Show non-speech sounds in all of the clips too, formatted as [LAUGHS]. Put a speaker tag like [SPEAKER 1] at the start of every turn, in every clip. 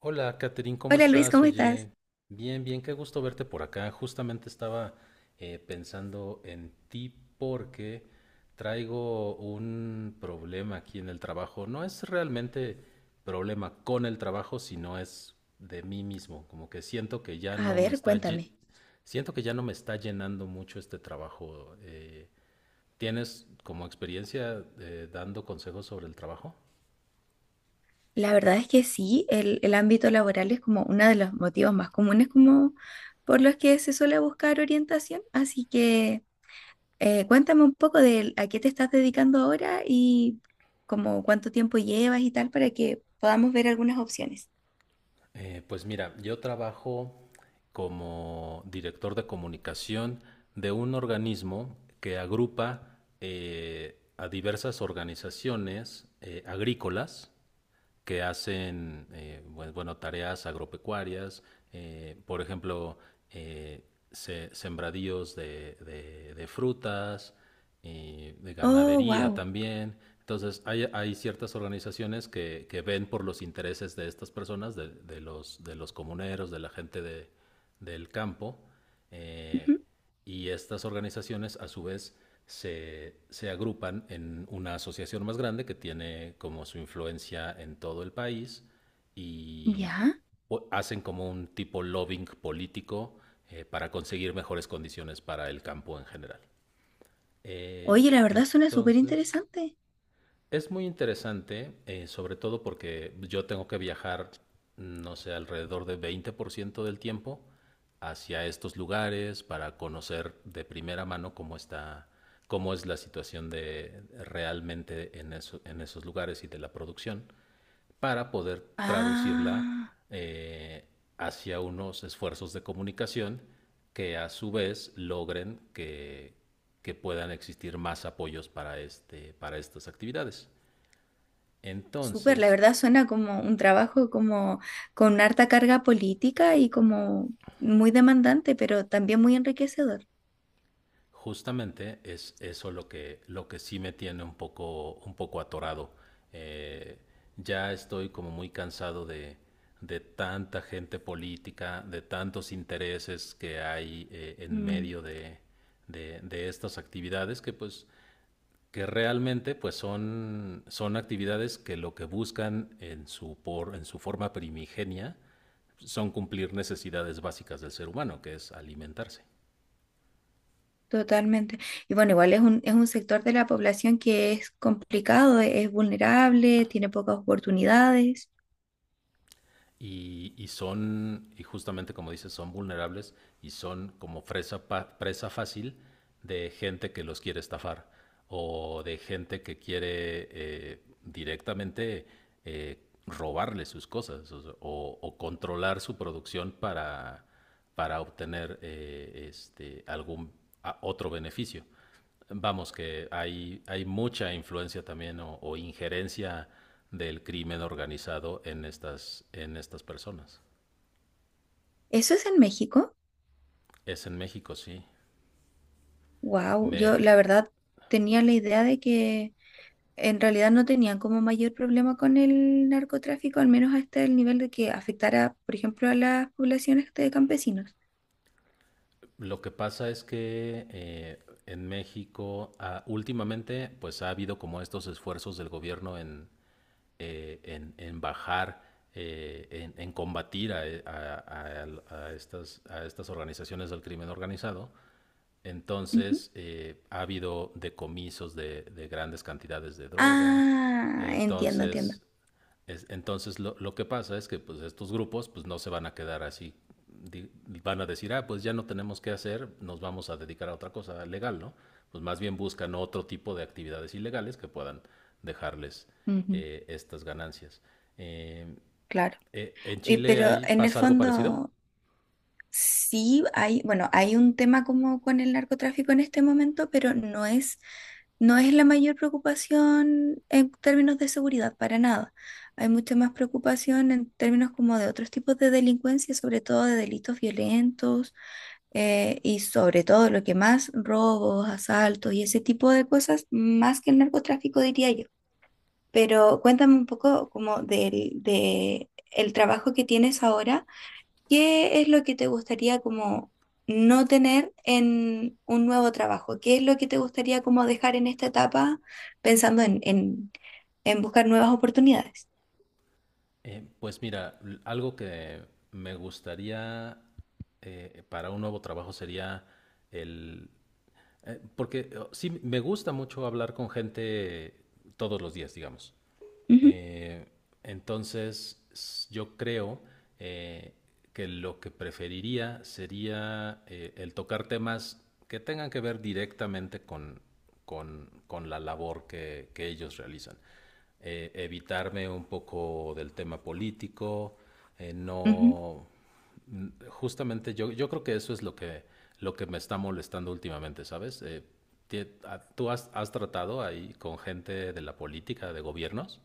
[SPEAKER 1] Hola, Catherine, ¿cómo
[SPEAKER 2] Hola Luis,
[SPEAKER 1] estás?
[SPEAKER 2] ¿cómo estás?
[SPEAKER 1] Oye, bien, bien, qué gusto verte por acá. Justamente estaba pensando en ti porque traigo un problema aquí en el trabajo. No es realmente problema con el trabajo, sino es de mí mismo. Como que siento que ya
[SPEAKER 2] A
[SPEAKER 1] no me
[SPEAKER 2] ver,
[SPEAKER 1] está,
[SPEAKER 2] cuéntame.
[SPEAKER 1] siento que ya no me está llenando mucho este trabajo. ¿Tienes como experiencia dando consejos sobre el trabajo?
[SPEAKER 2] La verdad es que sí, el ámbito laboral es como uno de los motivos más comunes como por los que se suele buscar orientación, así que cuéntame un poco de a qué te estás dedicando ahora y como cuánto tiempo llevas y tal para que podamos ver algunas opciones.
[SPEAKER 1] Pues mira, yo trabajo como director de comunicación de un organismo que agrupa a diversas organizaciones agrícolas que hacen bueno, bueno, tareas agropecuarias, por ejemplo, eh, sembradíos de, de frutas, de
[SPEAKER 2] Oh,
[SPEAKER 1] ganadería
[SPEAKER 2] wow.
[SPEAKER 1] también. Entonces, hay ciertas organizaciones que ven por los intereses de estas personas, de, de los comuneros, de la gente del campo, eh, y estas organizaciones a su vez se agrupan en una asociación más grande que tiene como su influencia en todo el país y
[SPEAKER 2] Ya.
[SPEAKER 1] hacen como un tipo lobbying político para conseguir mejores condiciones para el campo en general. Eh,
[SPEAKER 2] Oye, la verdad suena súper
[SPEAKER 1] entonces...
[SPEAKER 2] interesante.
[SPEAKER 1] Es muy interesante, sobre todo porque yo tengo que viajar, no sé, alrededor de 20% del tiempo hacia estos lugares para conocer de primera mano cómo está, cómo es la situación de realmente en, en esos lugares y de la producción, para poder traducirla
[SPEAKER 2] Ah.
[SPEAKER 1] eh, hacia unos esfuerzos de comunicación que a su vez logren que puedan existir más apoyos para, este, para estas actividades.
[SPEAKER 2] Súper, la
[SPEAKER 1] Entonces,
[SPEAKER 2] verdad suena como un trabajo como con harta carga política y como muy demandante, pero también muy enriquecedor.
[SPEAKER 1] justamente es eso lo lo que sí me tiene un poco atorado. Eh, ya estoy como muy cansado de tanta gente política, de tantos intereses que hay en
[SPEAKER 2] Mm,
[SPEAKER 1] medio de estas actividades que pues que realmente pues son, son actividades que lo que buscan en su, por, en su forma primigenia son cumplir necesidades básicas del ser humano, que es alimentarse.
[SPEAKER 2] totalmente. Y bueno, igual es un sector de la población que es complicado, es vulnerable, tiene pocas oportunidades.
[SPEAKER 1] Y, y son, y justamente como dices, son vulnerables y son como presa, presa fácil de gente que los quiere estafar o de gente que quiere directamente eh, robarle sus cosas o, o controlar su producción para obtener este, algún otro beneficio. Vamos, que hay mucha influencia también o injerencia del crimen organizado en estas personas.
[SPEAKER 2] ¿Eso es en México?
[SPEAKER 1] Es en México, sí.
[SPEAKER 2] Wow, yo
[SPEAKER 1] Me,
[SPEAKER 2] la verdad tenía la idea de que en realidad no tenían como mayor problema con el narcotráfico, al menos hasta el nivel de que afectara, por ejemplo, a las poblaciones de campesinos.
[SPEAKER 1] lo que pasa es que en México últimamente pues ha habido como estos esfuerzos del gobierno en bajar, en combatir a, a estas organizaciones del crimen organizado.
[SPEAKER 2] Ujú.
[SPEAKER 1] Entonces, ha habido decomisos de grandes cantidades de droga.
[SPEAKER 2] Ah, entiendo, entiendo.
[SPEAKER 1] Entonces, entonces lo que pasa es que pues, estos grupos pues, no se van a quedar así. Di- Van a decir, ah, pues ya no tenemos qué hacer, nos vamos a dedicar a otra cosa legal, ¿no? Pues más bien buscan otro tipo de actividades ilegales que puedan dejarles
[SPEAKER 2] Ujú.
[SPEAKER 1] estas ganancias. Eh,
[SPEAKER 2] Claro.
[SPEAKER 1] ¿En Chile
[SPEAKER 2] Pero
[SPEAKER 1] ahí
[SPEAKER 2] en el
[SPEAKER 1] pasa algo parecido?
[SPEAKER 2] fondo sí hay, bueno, hay un tema como con el narcotráfico en este momento, pero no es la mayor preocupación en términos de seguridad, para nada. Hay mucha más preocupación en términos como de otros tipos de delincuencia, sobre todo de delitos violentos, y sobre todo lo que más, robos, asaltos y ese tipo de cosas, más que el narcotráfico, diría yo. Pero cuéntame un poco como del de el trabajo que tienes ahora. ¿Qué es lo que te gustaría como no tener en un nuevo trabajo? ¿Qué es lo que te gustaría como dejar en esta etapa pensando en buscar nuevas oportunidades?
[SPEAKER 1] Pues mira, algo que me gustaría para un nuevo trabajo sería el... porque sí, me gusta mucho hablar con gente todos los días, digamos. Eh, entonces, yo creo eh, que lo que preferiría sería el tocar temas que tengan que ver directamente con, con la labor que ellos realizan. Evitarme un poco del tema político,
[SPEAKER 2] Ujú.
[SPEAKER 1] no... mm, Justamente yo, yo creo que eso es lo que me está molestando últimamente, ¿sabes? ¿Tú has, has tratado ahí con gente de la política, de gobiernos?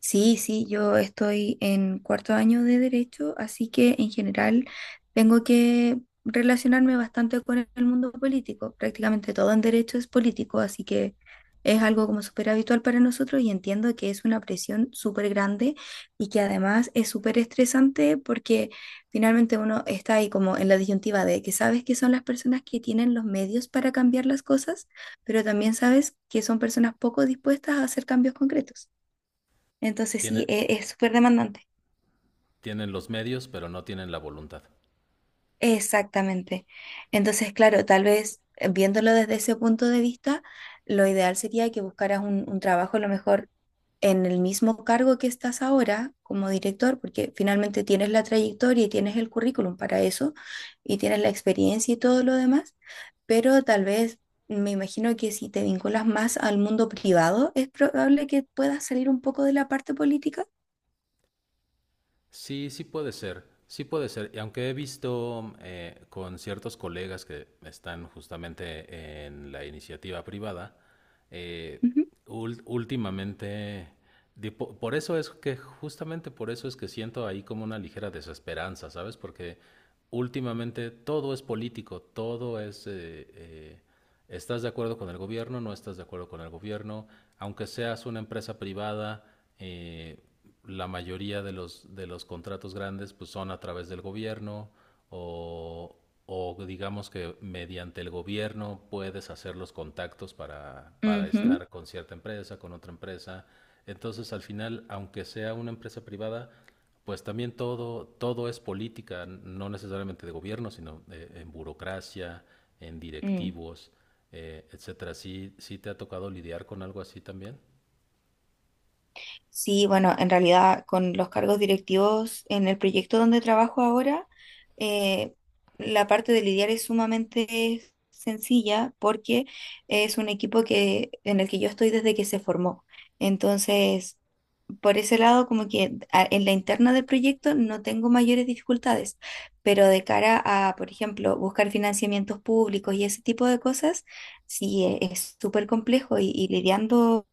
[SPEAKER 2] Sí, sí, yo estoy en 4º año de derecho, así que en general tengo que relacionarme bastante con el mundo político. Prácticamente todo en derecho es político, así que es algo como súper habitual para nosotros y entiendo que es una presión súper grande y que además es súper estresante porque finalmente uno está ahí como en la disyuntiva de que sabes que son las personas que tienen los medios para cambiar las cosas, pero también sabes que son personas poco dispuestas a hacer cambios concretos. Entonces sí,
[SPEAKER 1] Tiene-
[SPEAKER 2] es súper demandante.
[SPEAKER 1] Tienen los medios, pero no tienen la voluntad.
[SPEAKER 2] Exactamente. Entonces, claro, tal vez viéndolo desde ese punto de vista, lo ideal sería que buscaras un trabajo a lo mejor en el mismo cargo que estás ahora como director, porque finalmente tienes la trayectoria y tienes el currículum para eso, y tienes la experiencia y todo lo demás, pero tal vez me imagino que si te vinculas más al mundo privado, es probable que puedas salir un poco de la parte política.
[SPEAKER 1] Sí, sí puede ser, sí puede ser. Y aunque he visto con ciertos colegas que están justamente en la iniciativa privada, eh,
[SPEAKER 2] Ujú.
[SPEAKER 1] últimamente, por eso es que, justamente por eso es que siento ahí como una ligera desesperanza, ¿sabes? Porque últimamente todo es político, todo es... eh, ¿Estás de acuerdo con el gobierno? ¿No estás de acuerdo con el gobierno? Aunque seas una empresa privada, eh, la mayoría de los contratos grandes pues, son a través del gobierno o, o digamos que mediante el gobierno puedes hacer los contactos para
[SPEAKER 2] Ujú.
[SPEAKER 1] estar con cierta empresa, con otra empresa. Entonces, al final, aunque sea una empresa privada, pues también todo, todo es política, no necesariamente de gobierno, sino en burocracia, en
[SPEAKER 2] Mm.
[SPEAKER 1] directivos, etcétera. ¿Sí, sí te ha tocado lidiar con algo así también?
[SPEAKER 2] Sí, bueno, en realidad con los cargos directivos en el proyecto donde trabajo ahora, eh, la parte de lidiar es sumamente sencilla porque es un equipo que, en el que yo estoy desde que se formó. Entonces, por ese lado, como que en la interna del proyecto no tengo mayores dificultades, pero de cara a, por ejemplo, buscar financiamientos públicos y ese tipo de cosas, sí es súper complejo y lidiando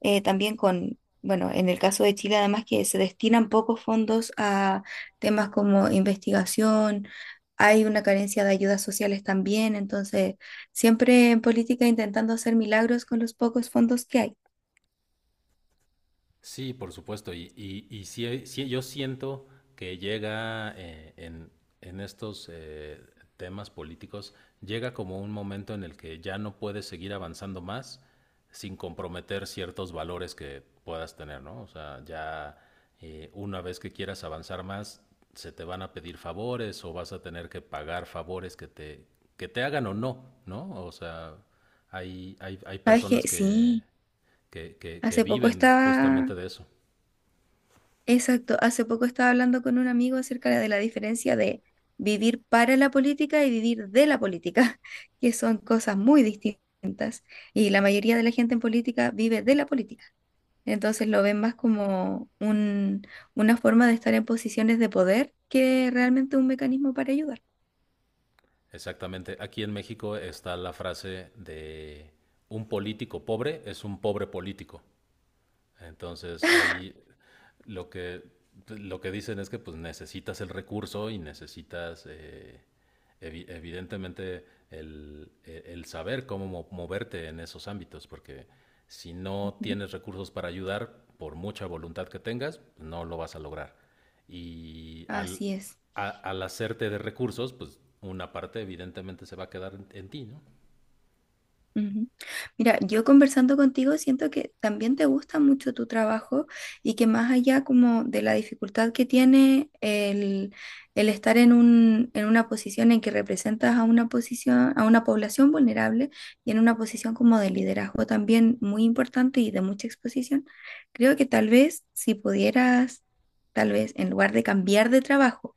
[SPEAKER 2] también con, bueno, en el caso de Chile además que se destinan pocos fondos a temas como investigación. Hay una carencia de ayudas sociales también, entonces siempre en política intentando hacer milagros con los pocos fondos que hay.
[SPEAKER 1] Sí, por supuesto. Y sí, sí, yo siento que llega en estos temas políticos, llega como un momento en el que ya no puedes seguir avanzando más sin comprometer ciertos valores que puedas tener, ¿no? O sea, ya. Una vez que quieras avanzar más, se te van a pedir favores o vas a tener que pagar favores que te hagan o no, ¿no? O sea, hay
[SPEAKER 2] ¿Sabes qué?
[SPEAKER 1] personas que,
[SPEAKER 2] Sí.
[SPEAKER 1] que
[SPEAKER 2] Hace poco
[SPEAKER 1] viven
[SPEAKER 2] estaba,
[SPEAKER 1] justamente de eso.
[SPEAKER 2] exacto, hace poco estaba hablando con un amigo acerca de la diferencia de vivir para la política y vivir de la política, [LAUGHS] que son cosas muy distintas. Y la mayoría de la gente en política vive de la política. Entonces lo ven más como una forma de estar en posiciones de poder que realmente un mecanismo para ayudar.
[SPEAKER 1] Exactamente. Aquí en México está la frase de un político pobre es un pobre político. Entonces ahí lo que, lo que dicen es que pues necesitas el recurso y necesitas evidentemente el saber cómo moverte en esos ámbitos, porque si no
[SPEAKER 2] Ujú.
[SPEAKER 1] tienes recursos para ayudar, por mucha voluntad que tengas, no lo vas a lograr. Y
[SPEAKER 2] Así es.
[SPEAKER 1] al hacerte de recursos, pues una parte evidentemente se va a quedar en ti, ¿no?
[SPEAKER 2] Ujú. Mira, yo conversando contigo siento que también te gusta mucho tu trabajo y que más allá como de la dificultad que tiene el estar en un, en una posición en que representas a una posición, a una población vulnerable y en una posición como de liderazgo también muy importante y de mucha exposición, creo que tal vez si pudieras, tal vez en lugar de cambiar de trabajo,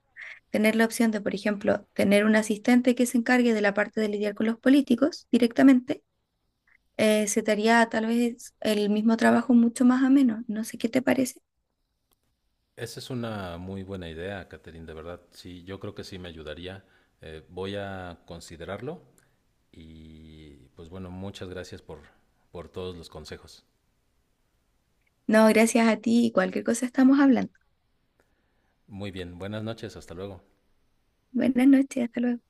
[SPEAKER 2] tener la opción de, por ejemplo, tener un asistente que se encargue de la parte de lidiar con los políticos directamente, se te haría tal vez el mismo trabajo mucho más ameno. No sé qué te parece.
[SPEAKER 1] Esa es una muy buena idea, Catherine, de verdad. Sí, yo creo que sí me ayudaría. Voy a considerarlo y pues bueno, muchas gracias por todos los consejos.
[SPEAKER 2] No, gracias a ti y cualquier cosa estamos hablando.
[SPEAKER 1] Muy bien, buenas noches, hasta luego.
[SPEAKER 2] Buenas noches, hasta luego.